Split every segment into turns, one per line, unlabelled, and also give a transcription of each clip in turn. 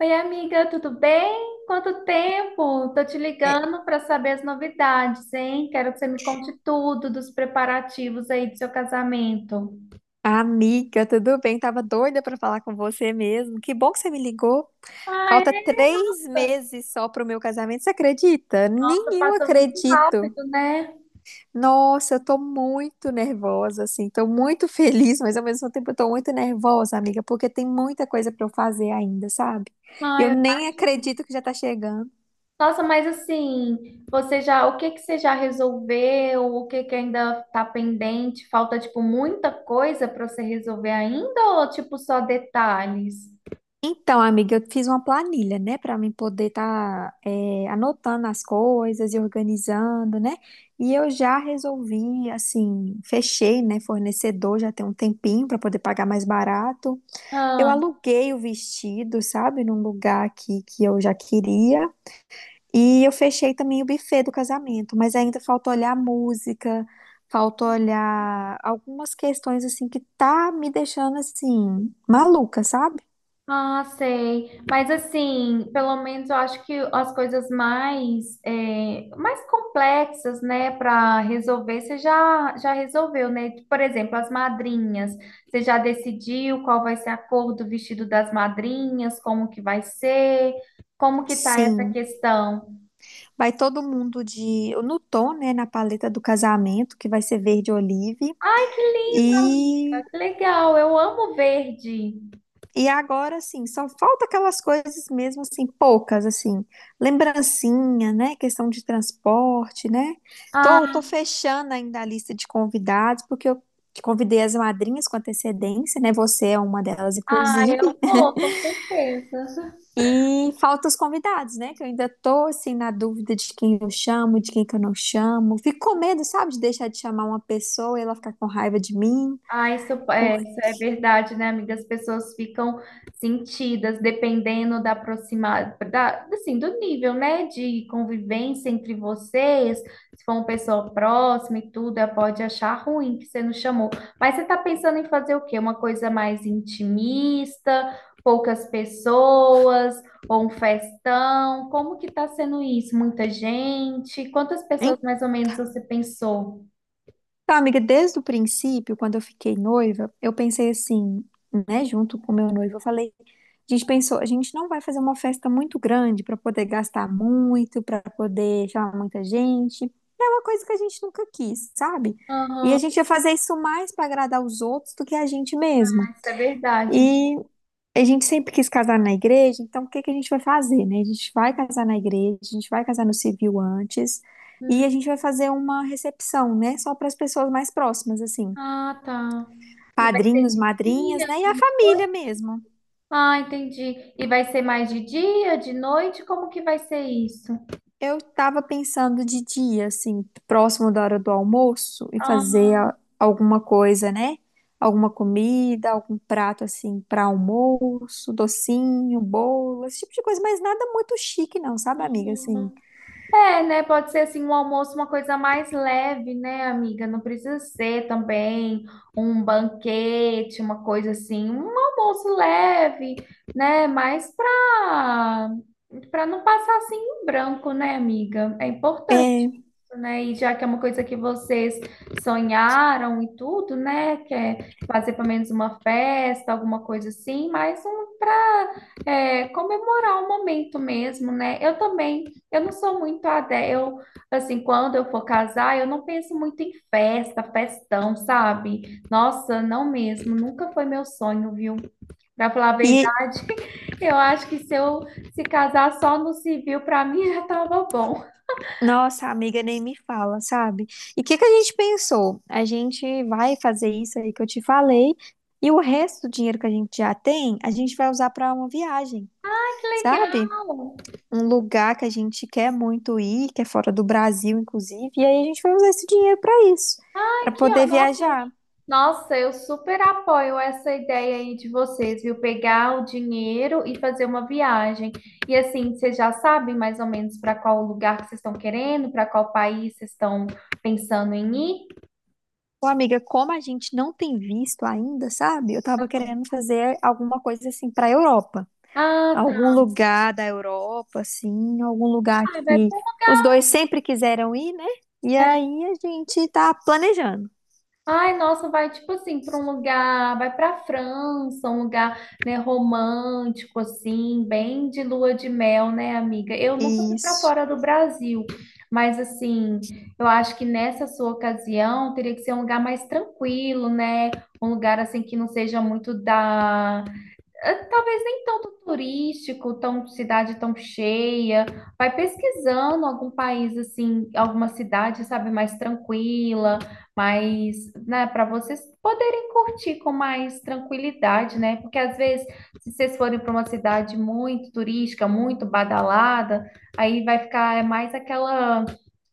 Oi, amiga, tudo bem? Quanto tempo? Tô te
É,
ligando para saber as novidades, hein? Quero que você me conte tudo dos preparativos aí do seu casamento.
Amiga, tudo bem? Tava doida pra falar com você mesmo. Que bom que você me ligou.
Ah, é?
Falta 3 meses só pro meu casamento. Você acredita?
Nossa,
Nem eu
passou muito
acredito.
rápido, né?
Nossa, eu tô muito nervosa, assim. Tô muito feliz, mas ao mesmo tempo eu tô muito nervosa, amiga, porque tem muita coisa pra eu fazer ainda, sabe? Eu
Ai, eu-
nem acredito que já tá chegando.
Nossa, mas assim, o que que você já resolveu? O que que ainda tá pendente? Falta, tipo, muita coisa para você resolver ainda ou, tipo, só detalhes?
Então, amiga, eu fiz uma planilha, né, para mim poder estar anotando as coisas e organizando, né? E eu já resolvi, assim, fechei, né, fornecedor, já tem um tempinho para poder pagar mais barato. Eu
Ah.
aluguei o vestido, sabe, num lugar aqui que eu já queria. E eu fechei também o buffet do casamento, mas ainda falta olhar a música, falta olhar algumas questões assim que tá me deixando assim maluca, sabe?
Ah, sei. Mas assim, pelo menos eu acho que as coisas mais, é, mais complexas, né, para resolver, já resolveu, né? Por exemplo, as madrinhas. Você já decidiu qual vai ser a cor do vestido das madrinhas, como que vai ser, como que tá essa
Sim.
questão?
Vai todo mundo de no tom, né, na paleta do casamento, que vai ser verde olive.
Ai, que lindo,
E
amiga. Que legal. Eu amo verde.
e agora assim, só falta aquelas coisas mesmo assim, poucas assim, lembrancinha, né, questão de transporte, né? Tô
Ah,
tô fechando ainda a lista de convidados, porque eu convidei as madrinhas com antecedência, né? Você é uma delas,
ah,
inclusive.
eu vou, com certeza.
E falta os convidados, né? Que eu ainda tô assim na dúvida de quem eu chamo, de quem que eu não chamo. Fico com medo, sabe, de deixar de chamar uma pessoa e ela ficar com raiva de mim.
Ah,
Por
isso é verdade, né, amiga? As pessoas ficam sentidas dependendo da aproximada, da, assim, do nível, né, de convivência entre vocês. Se for uma pessoa próxima e tudo, ela pode achar ruim que você não chamou. Mas você tá pensando em fazer o quê? Uma coisa mais intimista, poucas pessoas, ou um festão? Como que tá sendo isso? Muita gente? Quantas pessoas mais ou menos você pensou?
Então, amiga, desde o princípio, quando eu fiquei noiva, eu pensei assim, né, junto com meu noivo, eu falei, a gente pensou, a gente não vai fazer uma festa muito grande para poder gastar muito, para poder chamar muita gente. É uma coisa que a gente nunca quis, sabe? E
Aham,
a gente ia fazer isso mais para agradar os outros do que a gente mesmo.
isso é verdade.
E a gente sempre quis casar na igreja, então o que que a gente vai fazer, né? A gente vai casar na igreja, a gente vai casar no civil antes, e a gente vai fazer uma recepção, né? Só para as pessoas mais próximas, assim,
Ah, tá. E vai ser
padrinhos,
de dia,
madrinhas, né? E
de
a família
noite?
mesmo.
Ah, entendi. E vai ser mais de dia, de noite? Como que vai ser isso?
Eu tava pensando de dia, assim, próximo da hora do almoço, e
Ah,
fazer alguma coisa, né? Alguma comida, algum prato assim para almoço, docinho, bolo, esse tipo de coisa, mas nada muito chique, não, sabe, amiga? Assim,
uhum. É, né? Pode ser assim um almoço, uma coisa mais leve, né, amiga? Não precisa ser também um banquete, uma coisa assim, um almoço leve, né? Mais para não passar assim em branco, né, amiga? É importante.
É,
Né? E já que é uma coisa que vocês sonharam e tudo, né? Que é fazer pelo menos uma festa, alguma coisa assim, mas um para comemorar o momento mesmo, né? Eu também, eu não sou muito adé, eu assim, quando eu for casar, eu não penso muito em festa, festão, sabe? Nossa, não mesmo, nunca foi meu sonho, viu? Para falar a
e
verdade, eu acho que se casar só no civil, para mim já tava bom.
nossa, a amiga nem me fala, sabe? E o que que a gente pensou? A gente vai fazer isso aí que eu te falei, e o resto do dinheiro que a gente já tem, a gente vai usar para uma viagem,
Que
sabe?
legal!
Um lugar que a gente quer muito ir, que é fora do Brasil, inclusive, e aí a gente vai usar esse dinheiro para isso, para
Aqui, ó,
poder
nossa,
viajar.
nossa, eu super apoio essa ideia aí de vocês, viu? Pegar o dinheiro e fazer uma viagem. E assim, vocês já sabem mais ou menos para qual lugar que vocês estão querendo, para qual país vocês estão pensando em ir?
Ô, amiga, como a gente não tem visto ainda, sabe? Eu tava querendo fazer alguma coisa assim para Europa.
Ah,
Algum
tá.
lugar da Europa, assim, algum lugar
Ah, vai
que
pra...
os dois sempre quiseram ir, né? E aí a gente tá planejando.
Ai, nossa, vai tipo assim para um lugar, vai para França, um lugar, né, romântico assim, bem de lua de mel, né, amiga? Eu nunca fui para
Isso.
fora do Brasil, mas assim, eu acho que nessa sua ocasião teria que ser um lugar mais tranquilo, né? Um lugar assim que não seja muito da talvez nem tanto turístico, tão cidade tão cheia. Vai pesquisando algum país assim, alguma cidade, sabe, mais tranquila, mais, né, para vocês poderem curtir com mais tranquilidade, né? Porque às vezes, se vocês forem para uma cidade muito turística, muito badalada, aí vai ficar é mais aquela,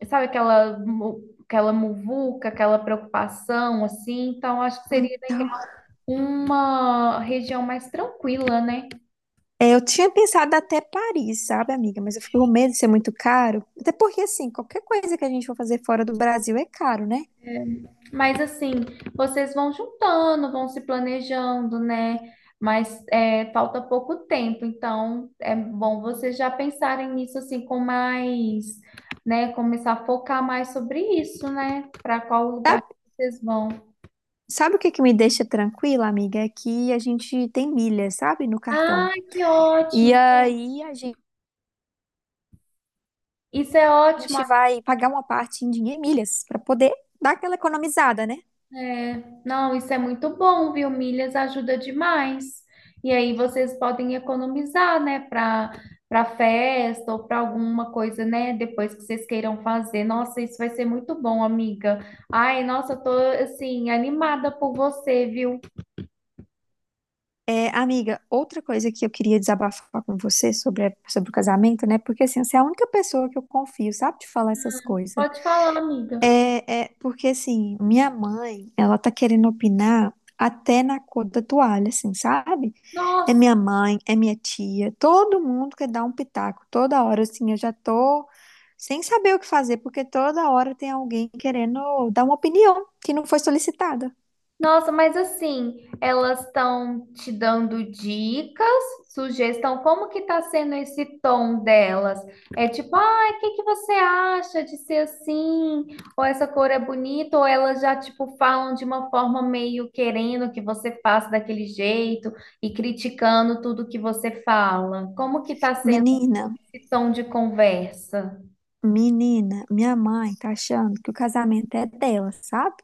sabe, aquela muvuca, aquela preocupação assim. Então, acho que seria
Então,
uma região mais tranquila, né?
eu tinha pensado até Paris, sabe, amiga? Mas eu fico com medo de ser muito caro. Até porque, assim, qualquer coisa que a gente for fazer fora do Brasil é caro, né?
Mas assim, vocês vão juntando, vão se planejando, né? Mas é, falta pouco tempo, então é bom vocês já pensarem nisso assim com mais, né? Começar a focar mais sobre isso, né? Para qual
Tá-
lugar que vocês vão.
Sabe o que que me deixa tranquila, amiga? É que a gente tem milhas, sabe, no
Ah,
cartão.
que
E
ótimo!
aí a gente
Isso é ótimo.
vai pagar uma parte em dinheiro em milhas para poder dar aquela economizada, né?
É, não, isso é muito bom, viu? Milhas ajuda demais. E aí vocês podem economizar, né, para festa ou para alguma coisa, né, depois que vocês queiram fazer. Nossa, isso vai ser muito bom, amiga. Ai, nossa, eu tô assim animada por você, viu?
É, amiga, outra coisa que eu queria desabafar com você sobre, sobre o casamento, né? Porque assim, você é a única pessoa que eu confio, sabe, de falar essas coisas.
Pode falar, amiga.
É, é porque assim, minha mãe, ela tá querendo opinar até na cor da toalha, assim, sabe? É
Nossa.
minha mãe, é minha tia, todo mundo quer dar um pitaco toda hora, assim, eu já tô sem saber o que fazer, porque toda hora tem alguém querendo dar uma opinião que não foi solicitada.
Nossa, mas assim, elas estão te dando dicas, sugestão, como que tá sendo esse tom delas? É tipo, ah, o que que você acha de ser assim? Ou essa cor é bonita? Ou elas já, tipo, falam de uma forma meio querendo que você faça daquele jeito e criticando tudo que você fala? Como que tá sendo
Menina.
esse tom de conversa?
Menina, minha mãe tá achando que o casamento é dela, sabe?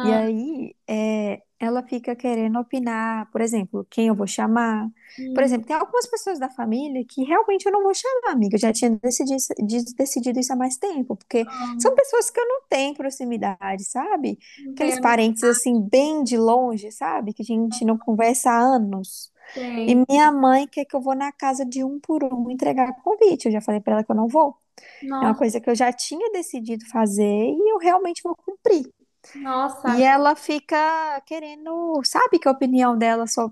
E aí, é, ela fica querendo opinar, por exemplo, quem eu vou chamar. Por exemplo,
hum,
tem algumas pessoas da família que realmente eu não vou chamar, amiga. Eu já tinha decidido, decidido isso há mais tempo, porque são
ah,
pessoas que eu não tenho proximidade, sabe?
não
Aqueles
tenho, não
parentes, assim, bem de longe, sabe? Que a gente não conversa há anos. E
sei.
minha mãe quer que eu vou na casa de um por um entregar convite. Eu já falei pra ela que eu não vou. É uma
Nossa,
coisa que eu já tinha decidido fazer e eu realmente vou cumprir.
nossa,
E ela fica querendo, sabe, que a opinião dela só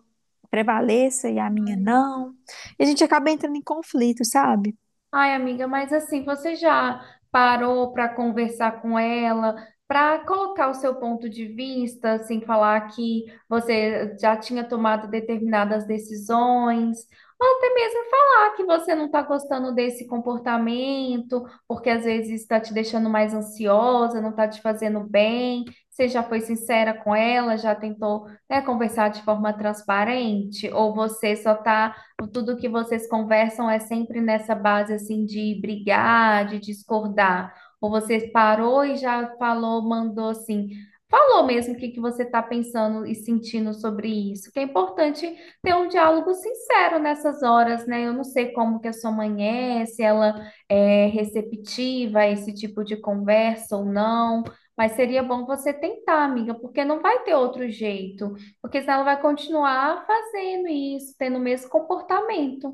prevaleça e a minha
amiga.
não. E a gente acaba entrando em conflito, sabe?
Ai, amiga, mas assim, você já parou para conversar com ela, para colocar o seu ponto de vista, assim, falar que você já tinha tomado determinadas decisões, ou até mesmo falar que você não está gostando desse comportamento, porque às vezes está te deixando mais ansiosa, não está te fazendo bem. Você já foi sincera com ela, já tentou, né, conversar de forma transparente, ou você só está tudo que vocês conversam é sempre nessa base assim de brigar, de discordar? Ou você parou e já falou, mandou assim, falou mesmo o que que você está pensando e sentindo sobre isso? Que é importante ter um diálogo sincero nessas horas, né? Eu não sei como que a sua mãe é, se ela é receptiva a esse tipo de conversa ou não. Mas seria bom você tentar, amiga, porque não vai ter outro jeito. Porque senão ela vai continuar fazendo isso, tendo o mesmo comportamento.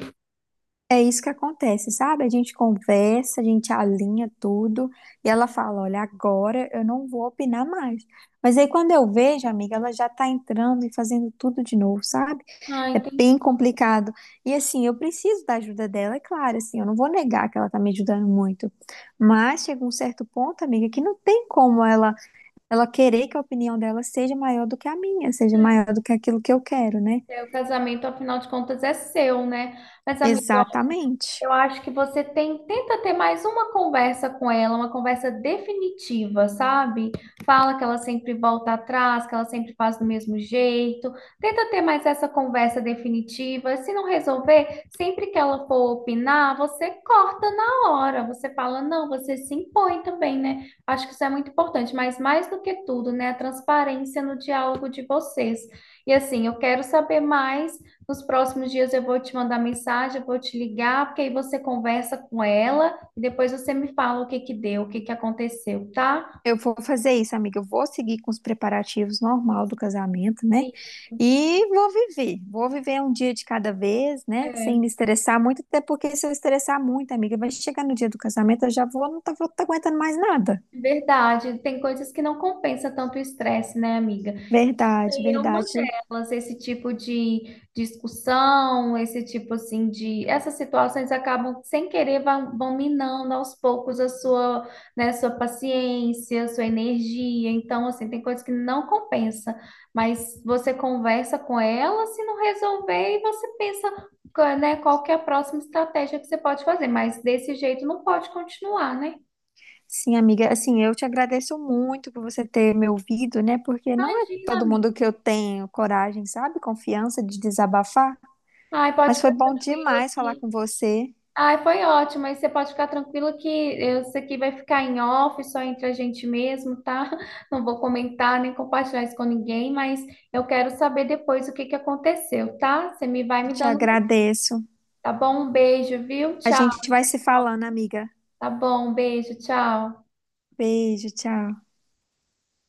É isso que acontece, sabe? A gente conversa, a gente alinha tudo e ela fala: Olha, agora eu não vou opinar mais. Mas aí quando eu vejo, amiga, ela já tá entrando e fazendo tudo de novo, sabe?
Ah,
É
entendi.
bem complicado. E assim, eu preciso da ajuda dela, é claro, assim, eu não vou negar que ela tá me ajudando muito. Mas chega um certo ponto, amiga, que não tem como ela querer que a opinião dela seja maior do que a minha, seja
É,
maior do que aquilo que eu quero, né?
é, o casamento, afinal de contas, é seu, né? Mas, amigo,
Exatamente.
eu acho que tenta ter mais uma conversa com ela, uma conversa definitiva, sabe? Fala que ela sempre volta atrás, que ela sempre faz do mesmo jeito. Tenta ter mais essa conversa definitiva. Se não resolver, sempre que ela for opinar, você corta na hora. Você fala, não, você se impõe também, né? Acho que isso é muito importante, mas mais do que tudo, né? A transparência no diálogo de vocês. E assim, eu quero saber mais. Nos próximos dias eu vou te mandar mensagem, eu vou te ligar, porque aí você conversa com ela e depois você me fala o que que deu, o que que aconteceu, tá?
Eu vou fazer isso, amiga. Eu vou seguir com os preparativos normal do casamento, né?
E-
E vou viver. Vou viver um dia de cada vez, né? Sem
é
me estressar muito, até porque se eu estressar muito, amiga, vai chegar no dia do casamento, eu já vou, não tá, vou tá aguentando mais nada.
verdade, tem coisas que não compensa tanto o estresse, né, amiga?
Verdade,
É uma
verdade.
delas, esse tipo de discussão, esse tipo assim de, essas situações acabam sem querer vão minando aos poucos a sua, né, sua paciência, sua energia. Então, assim, tem coisas que não compensa, mas você conversa com ela, se não resolver, e você pensa, né, qual que é a próxima estratégia que você pode fazer, mas desse jeito não pode continuar, né?
Sim, amiga. Assim, eu te agradeço muito por você ter me ouvido, né? Porque não é
Imagina,
todo mundo
amiga.
que eu tenho coragem, sabe? Confiança de desabafar.
Ai, pode
Mas foi
ficar
bom
tranquila
demais falar
que
com você.
ai, foi ótimo. Aí você pode ficar tranquilo que eu- isso aqui vai ficar em off, só entre a gente mesmo, tá? Não vou comentar nem compartilhar isso com ninguém, mas eu quero saber depois o que que aconteceu, tá? Você me
Te
dando,
agradeço.
tá bom? Um beijo, viu?
A
Tchau.
gente vai se falando, amiga.
Tá bom, um beijo, tchau.
Beijo, tchau.